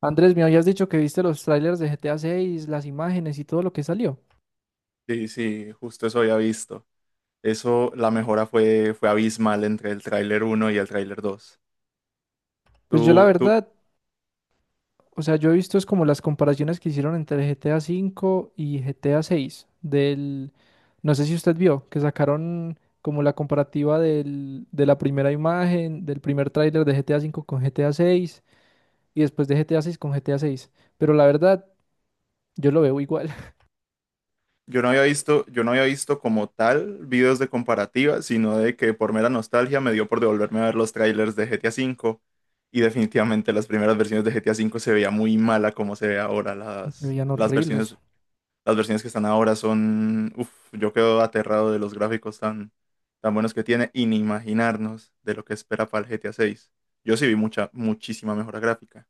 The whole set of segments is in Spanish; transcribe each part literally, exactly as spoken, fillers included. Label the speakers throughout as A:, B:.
A: Andrés, me habías dicho que viste los trailers de G T A seis, las imágenes y todo lo que salió.
B: Sí, sí, justo eso había visto. Eso, la mejora fue, fue abismal entre el tráiler uno y el tráiler dos.
A: Pues yo la
B: Tú, tú,
A: verdad, o sea, yo he visto es como las comparaciones que hicieron entre G T A cinco y G T A seis del. No sé si usted vio que sacaron como la comparativa del, de la primera imagen, del primer tráiler de G T A cinco con GTA seis y después de GTA seis con G T A seis, pero la verdad yo lo veo igual.
B: yo no había visto, yo no había visto como tal videos de comparativa, sino de que por mera nostalgia me dio por devolverme a ver los trailers de G T A cinco. Y definitivamente las primeras versiones de G T A cinco se veía muy mala como se ve ahora
A: Se
B: las,
A: veían
B: las versiones.
A: horribles.
B: Las versiones que están ahora son, uf, yo quedo aterrado de los gráficos tan, tan buenos que tiene, y ni imaginarnos de lo que espera para el G T A seis. Yo sí vi mucha, muchísima mejora gráfica.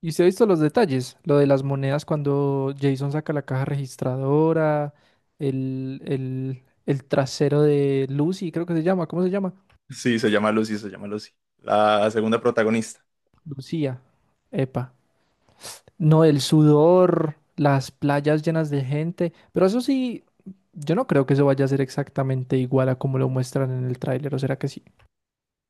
A: Y usted ha visto los detalles, lo de las monedas cuando Jason saca la caja registradora, el, el, el trasero de Lucy, creo que se llama, ¿cómo se llama?
B: Sí, se llama Lucy, se llama Lucy. La segunda protagonista.
A: Lucía, epa. No, el sudor, las playas llenas de gente, pero eso sí, yo no creo que eso vaya a ser exactamente igual a como lo muestran en el tráiler, ¿o será que sí?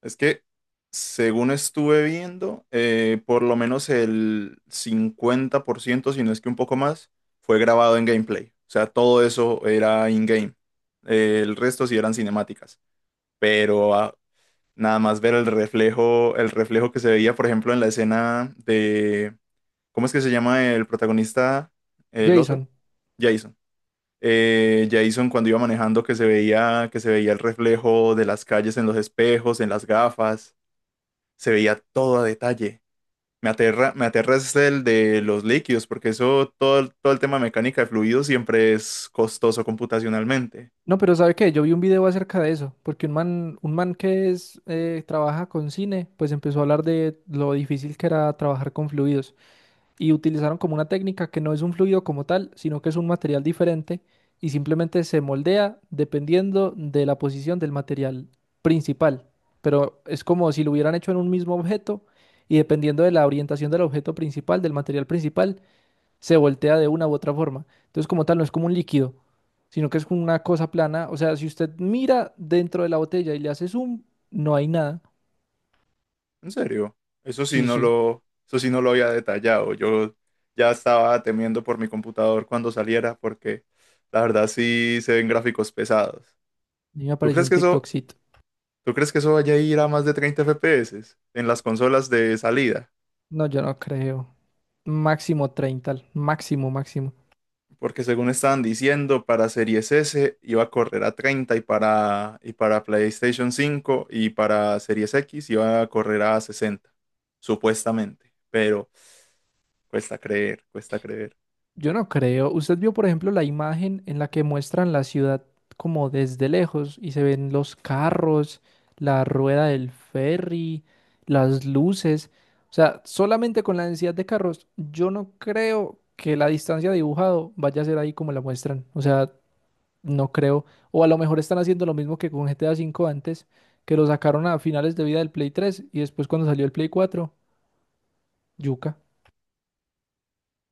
B: Es que, según estuve viendo, eh, por lo menos el cincuenta por ciento si no es que un poco más, fue grabado en gameplay. O sea, todo eso era in-game. Eh, el resto sí eran cinemáticas. Pero ah, nada más ver el reflejo, el reflejo que se veía, por ejemplo, en la escena de, ¿cómo es que se llama el protagonista? El otro,
A: Jason.
B: Jason. Eh, Jason cuando iba manejando que se veía, que se veía el reflejo de las calles en los espejos, en las gafas, se veía todo a detalle. Me aterra, me aterra es el de los líquidos, porque eso, todo, el- todo el tema de mecánica de fluidos siempre es costoso computacionalmente.
A: No, pero ¿sabe qué? Yo vi un video acerca de eso, porque un man, un man que es, eh, trabaja con cine, pues empezó a hablar de lo difícil que era trabajar con fluidos. Y utilizaron como una técnica que no es un fluido como tal, sino que es un material diferente y simplemente se moldea dependiendo de la posición del material principal. Pero es como si lo hubieran hecho en un mismo objeto y dependiendo de la orientación del objeto principal, del material principal, se voltea de una u otra forma. Entonces, como tal, no es como un líquido, sino que es como una cosa plana. O sea, si usted mira dentro de la botella y le hace zoom, no hay nada.
B: En serio, eso sí
A: Sí,
B: no
A: sí.
B: lo, eso sí no lo había detallado. Yo ya estaba temiendo por mi computador cuando saliera porque la verdad sí se ven gráficos pesados.
A: Y me
B: ¿Tú
A: apareció
B: crees
A: un
B: que eso,
A: TikTokcito.
B: ¿tú crees que eso vaya a ir a más de treinta F P S en las consolas de salida?
A: No, yo no creo. Máximo treinta, máximo, máximo.
B: Porque según estaban diciendo, para Series S iba a correr a treinta y para, y para PlayStation cinco y para Series X iba a correr a sesenta, supuestamente. Pero cuesta creer, cuesta creer.
A: Yo no creo. Usted vio, por ejemplo, la imagen en la que muestran la ciudad como desde lejos y se ven los carros, la rueda del ferry, las luces. O sea, solamente con la densidad de carros, yo no creo que la distancia dibujado vaya a ser ahí como la muestran. O sea, no creo. O a lo mejor están haciendo lo mismo que con G T A uve antes, que lo sacaron a finales de vida del Play tres y después cuando salió el Play cuatro, yuca.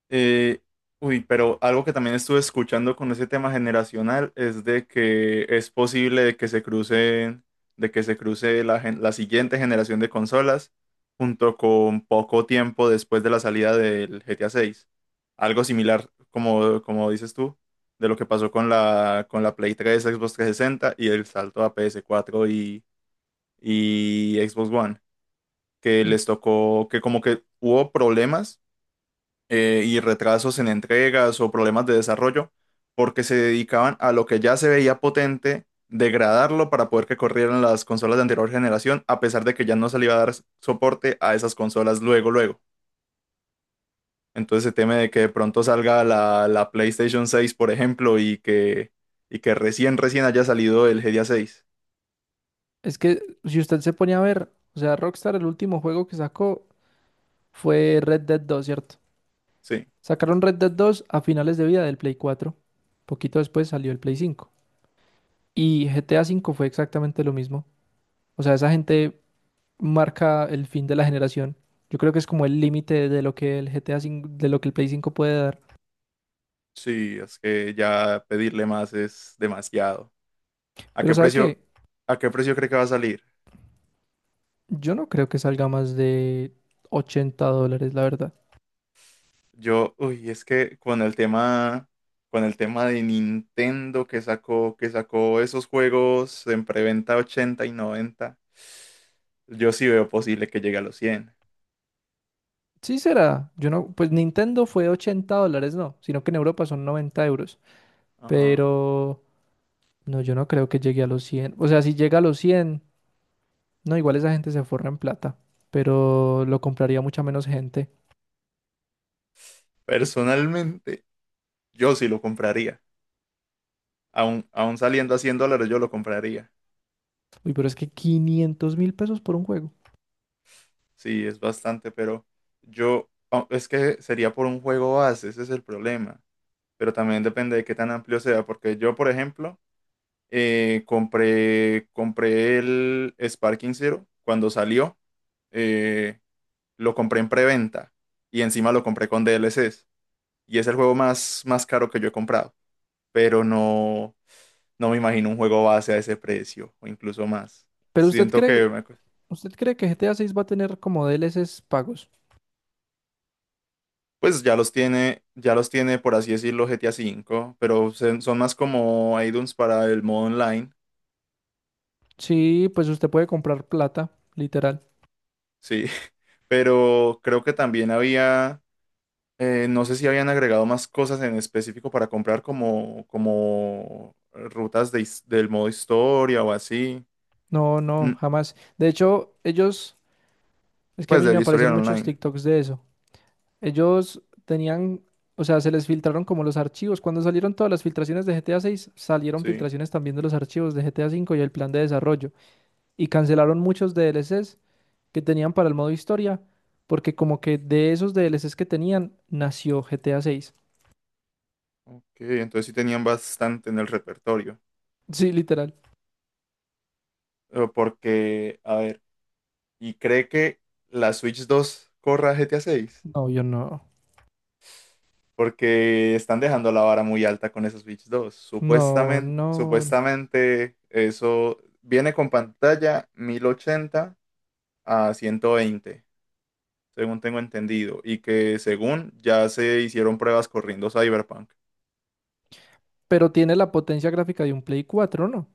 B: Eh, uy, pero algo que también estuve escuchando con ese tema generacional es de que es posible de que se crucen, de que se cruce la, gen- la siguiente generación de consolas junto con poco tiempo después de la salida del G T A seis. Algo similar, como, como dices tú, de lo que pasó con la, con la Play tres, Xbox trescientos sesenta y el salto a ps cuatro y, y Xbox One, que les tocó, que como que hubo problemas, eh, y retrasos en entregas o problemas de desarrollo, porque se dedicaban a lo que ya se veía potente, degradarlo para poder que corrieran las consolas de anterior generación, a pesar de que ya no se le iba a dar soporte a esas consolas luego, luego. Entonces se teme de que de pronto salga la, la PlayStation seis, por ejemplo, y que, y que recién, recién haya salido el G T A seis.
A: Es que si usted se ponía a ver, o sea, Rockstar el último juego que sacó fue Red Dead dos, ¿cierto?
B: Sí,
A: Sacaron Red Dead dos a finales de vida del Play cuatro. Poquito después salió el Play cinco. Y G T A cinco fue exactamente lo mismo. O sea, esa gente marca el fin de la generación. Yo creo que es como el límite de lo que el G T A cinco, de lo que el Play cinco puede dar.
B: sí, es que ya pedirle más es demasiado. ¿A
A: Pero
B: qué
A: ¿sabe
B: precio,
A: qué?
B: ¿a qué precio cree que va a salir?
A: Yo no creo que salga más de ochenta dólares, la verdad.
B: Yo, uy, es que con el tema, con el tema de Nintendo que sacó, que sacó esos juegos en preventa ochenta y noventa, yo sí veo posible que llegue a los cien.
A: Sí será. Yo no, pues Nintendo fue ochenta dólares, no, sino que en Europa son noventa euros.
B: Ajá.
A: Pero no, yo no creo que llegue a los cien. O sea, si llega a los cien, no, igual esa gente se forra en plata. Pero lo compraría mucha menos gente.
B: Personalmente, yo sí lo compraría. Aún, aún saliendo a cien dólares, yo lo compraría.
A: Uy, pero es que quinientos mil pesos por un juego.
B: Sí, es bastante, pero yo, ah, es que sería por un juego base, ese es el problema. Pero también depende de qué tan amplio sea, porque yo, por ejemplo, Eh, compré, compré el Sparking Zero cuando salió. eh, lo compré en preventa y encima lo compré con D L Cs. Y es el juego más, más caro que yo he comprado. Pero no, no me imagino un juego base a ese precio o incluso más.
A: Pero usted
B: Siento
A: cree,
B: que me cu-
A: usted cree que G T A seis va a tener como D L Cs pagos.
B: Pues ya los tiene, ya los tiene por así decirlo G T A cinco, pero se- son más como add-ons para el modo online.
A: Sí, pues usted puede comprar plata, literal.
B: Sí, pero creo que también había. Eh, no sé si habían agregado más cosas en específico para comprar como, como rutas de his- del modo historia o así.
A: No,
B: Mm.
A: no, jamás. De hecho, ellos, es que a
B: Pues
A: mí me
B: del
A: aparecen
B: historial
A: muchos
B: online.
A: TikToks de eso. Ellos tenían, o sea, se les filtraron como los archivos. Cuando salieron todas las filtraciones de G T A seis, salieron
B: Sí.
A: filtraciones también de los archivos de G T A cinco y el plan de desarrollo. Y cancelaron muchos D L Cs que tenían para el modo historia, porque como que de esos D L Cs que tenían, nació G T A seis.
B: Ok, entonces sí tenían bastante en el repertorio.
A: Sí, literal.
B: Eh, Porque, a ver, ¿y cree que la Switch dos corra G T A seis?
A: No, yo no.
B: Porque están dejando la vara muy alta con esa Switch dos.
A: No,
B: Supuestamente,
A: no.
B: supuestamente eso viene con pantalla mil ochenta a ciento veinte, según tengo entendido, y que según ya se hicieron pruebas corriendo Cyberpunk.
A: Pero tiene la potencia gráfica de un Play cuatro, ¿no?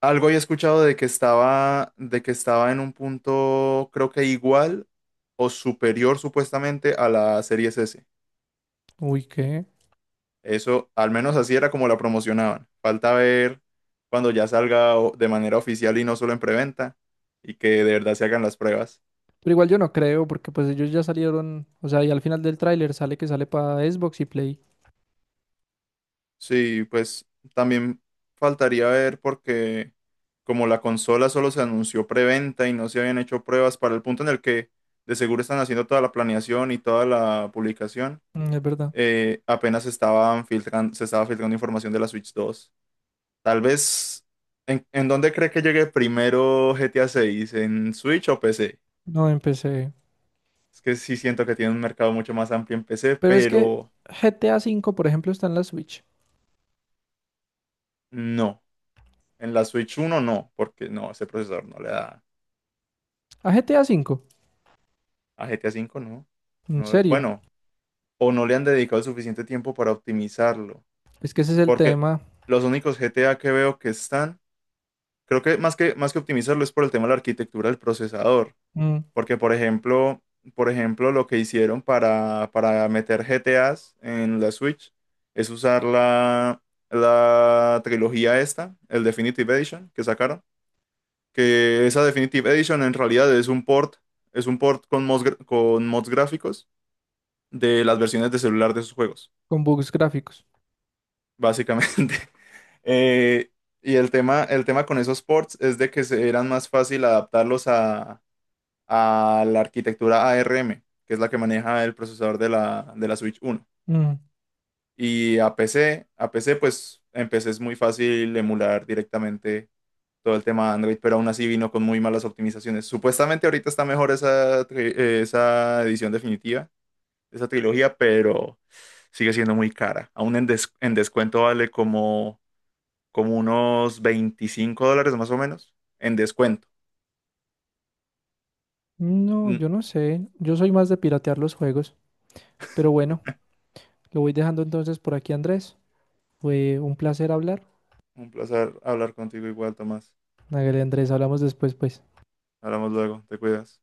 B: Algo he escuchado de que estaba, de que estaba en un punto, creo que igual o superior, supuestamente, a la Series S.
A: Uy, ¿qué?
B: Eso, al menos así era como la promocionaban. Falta ver cuando ya salga o- de manera oficial y no solo en preventa, y que de verdad se hagan las pruebas.
A: Pero igual yo no creo, porque pues ellos ya salieron, o sea, y al final del tráiler sale que sale para Xbox y Play.
B: Sí, pues también faltaría ver porque como la consola solo se anunció preventa y no se habían hecho pruebas para el punto en el que de seguro están haciendo toda la planeación y toda la publicación,
A: Mm, es verdad.
B: eh, apenas estaban filtrando, se estaba filtrando información de la Switch dos. Tal vez, ¿en, en dónde cree que llegue primero G T A seis? ¿En Switch o P C?
A: No empecé.
B: Es que sí siento que tiene un mercado mucho más amplio en P C,
A: Pero es que
B: pero
A: G T A uve, por ejemplo, está en la Switch.
B: no. En la Switch uno no, porque no, ese procesador no le da.
A: ¿A G T A ve?
B: A G T A cinco no.
A: ¿En
B: No,
A: serio?
B: bueno, o no le han dedicado el suficiente tiempo para optimizarlo.
A: Es que ese es el
B: Porque
A: tema,
B: los únicos G T A que veo que están, creo que más que, más que optimizarlo es por el tema de la arquitectura del procesador.
A: mm,
B: Porque, por ejemplo, por ejemplo, lo que hicieron para, para meter G T As en la Switch es usar la, la trilogía esta, el Definitive Edition que sacaron. Que esa Definitive Edition en realidad es un port, es un port con mods, gra- con mods gráficos de las versiones de celular de sus juegos,
A: con bugs gráficos.
B: básicamente. Eh, y el tema, el tema con esos ports es de que se- eran más fácil adaptarlos a, a la arquitectura ARM, que es la que maneja el procesador de la, de la Switch uno.
A: Mm.
B: Y a P C, a P C, pues en P C es muy fácil emular directamente todo el tema de Android, pero aún así vino con muy malas optimizaciones. Supuestamente ahorita está mejor esa, tri- eh, esa edición definitiva, esa trilogía, pero sigue siendo muy cara. Aún en, des- en descuento vale como, como unos veinticinco dólares más o menos. En descuento.
A: No,
B: Mm.
A: yo no sé. Yo soy más de piratear los juegos. Pero bueno, lo voy dejando entonces por aquí, Andrés. Fue un placer hablar.
B: Un placer hablar contigo igual, Tomás.
A: Hágale, Andrés, hablamos después, pues.
B: Hablamos luego, te cuidas.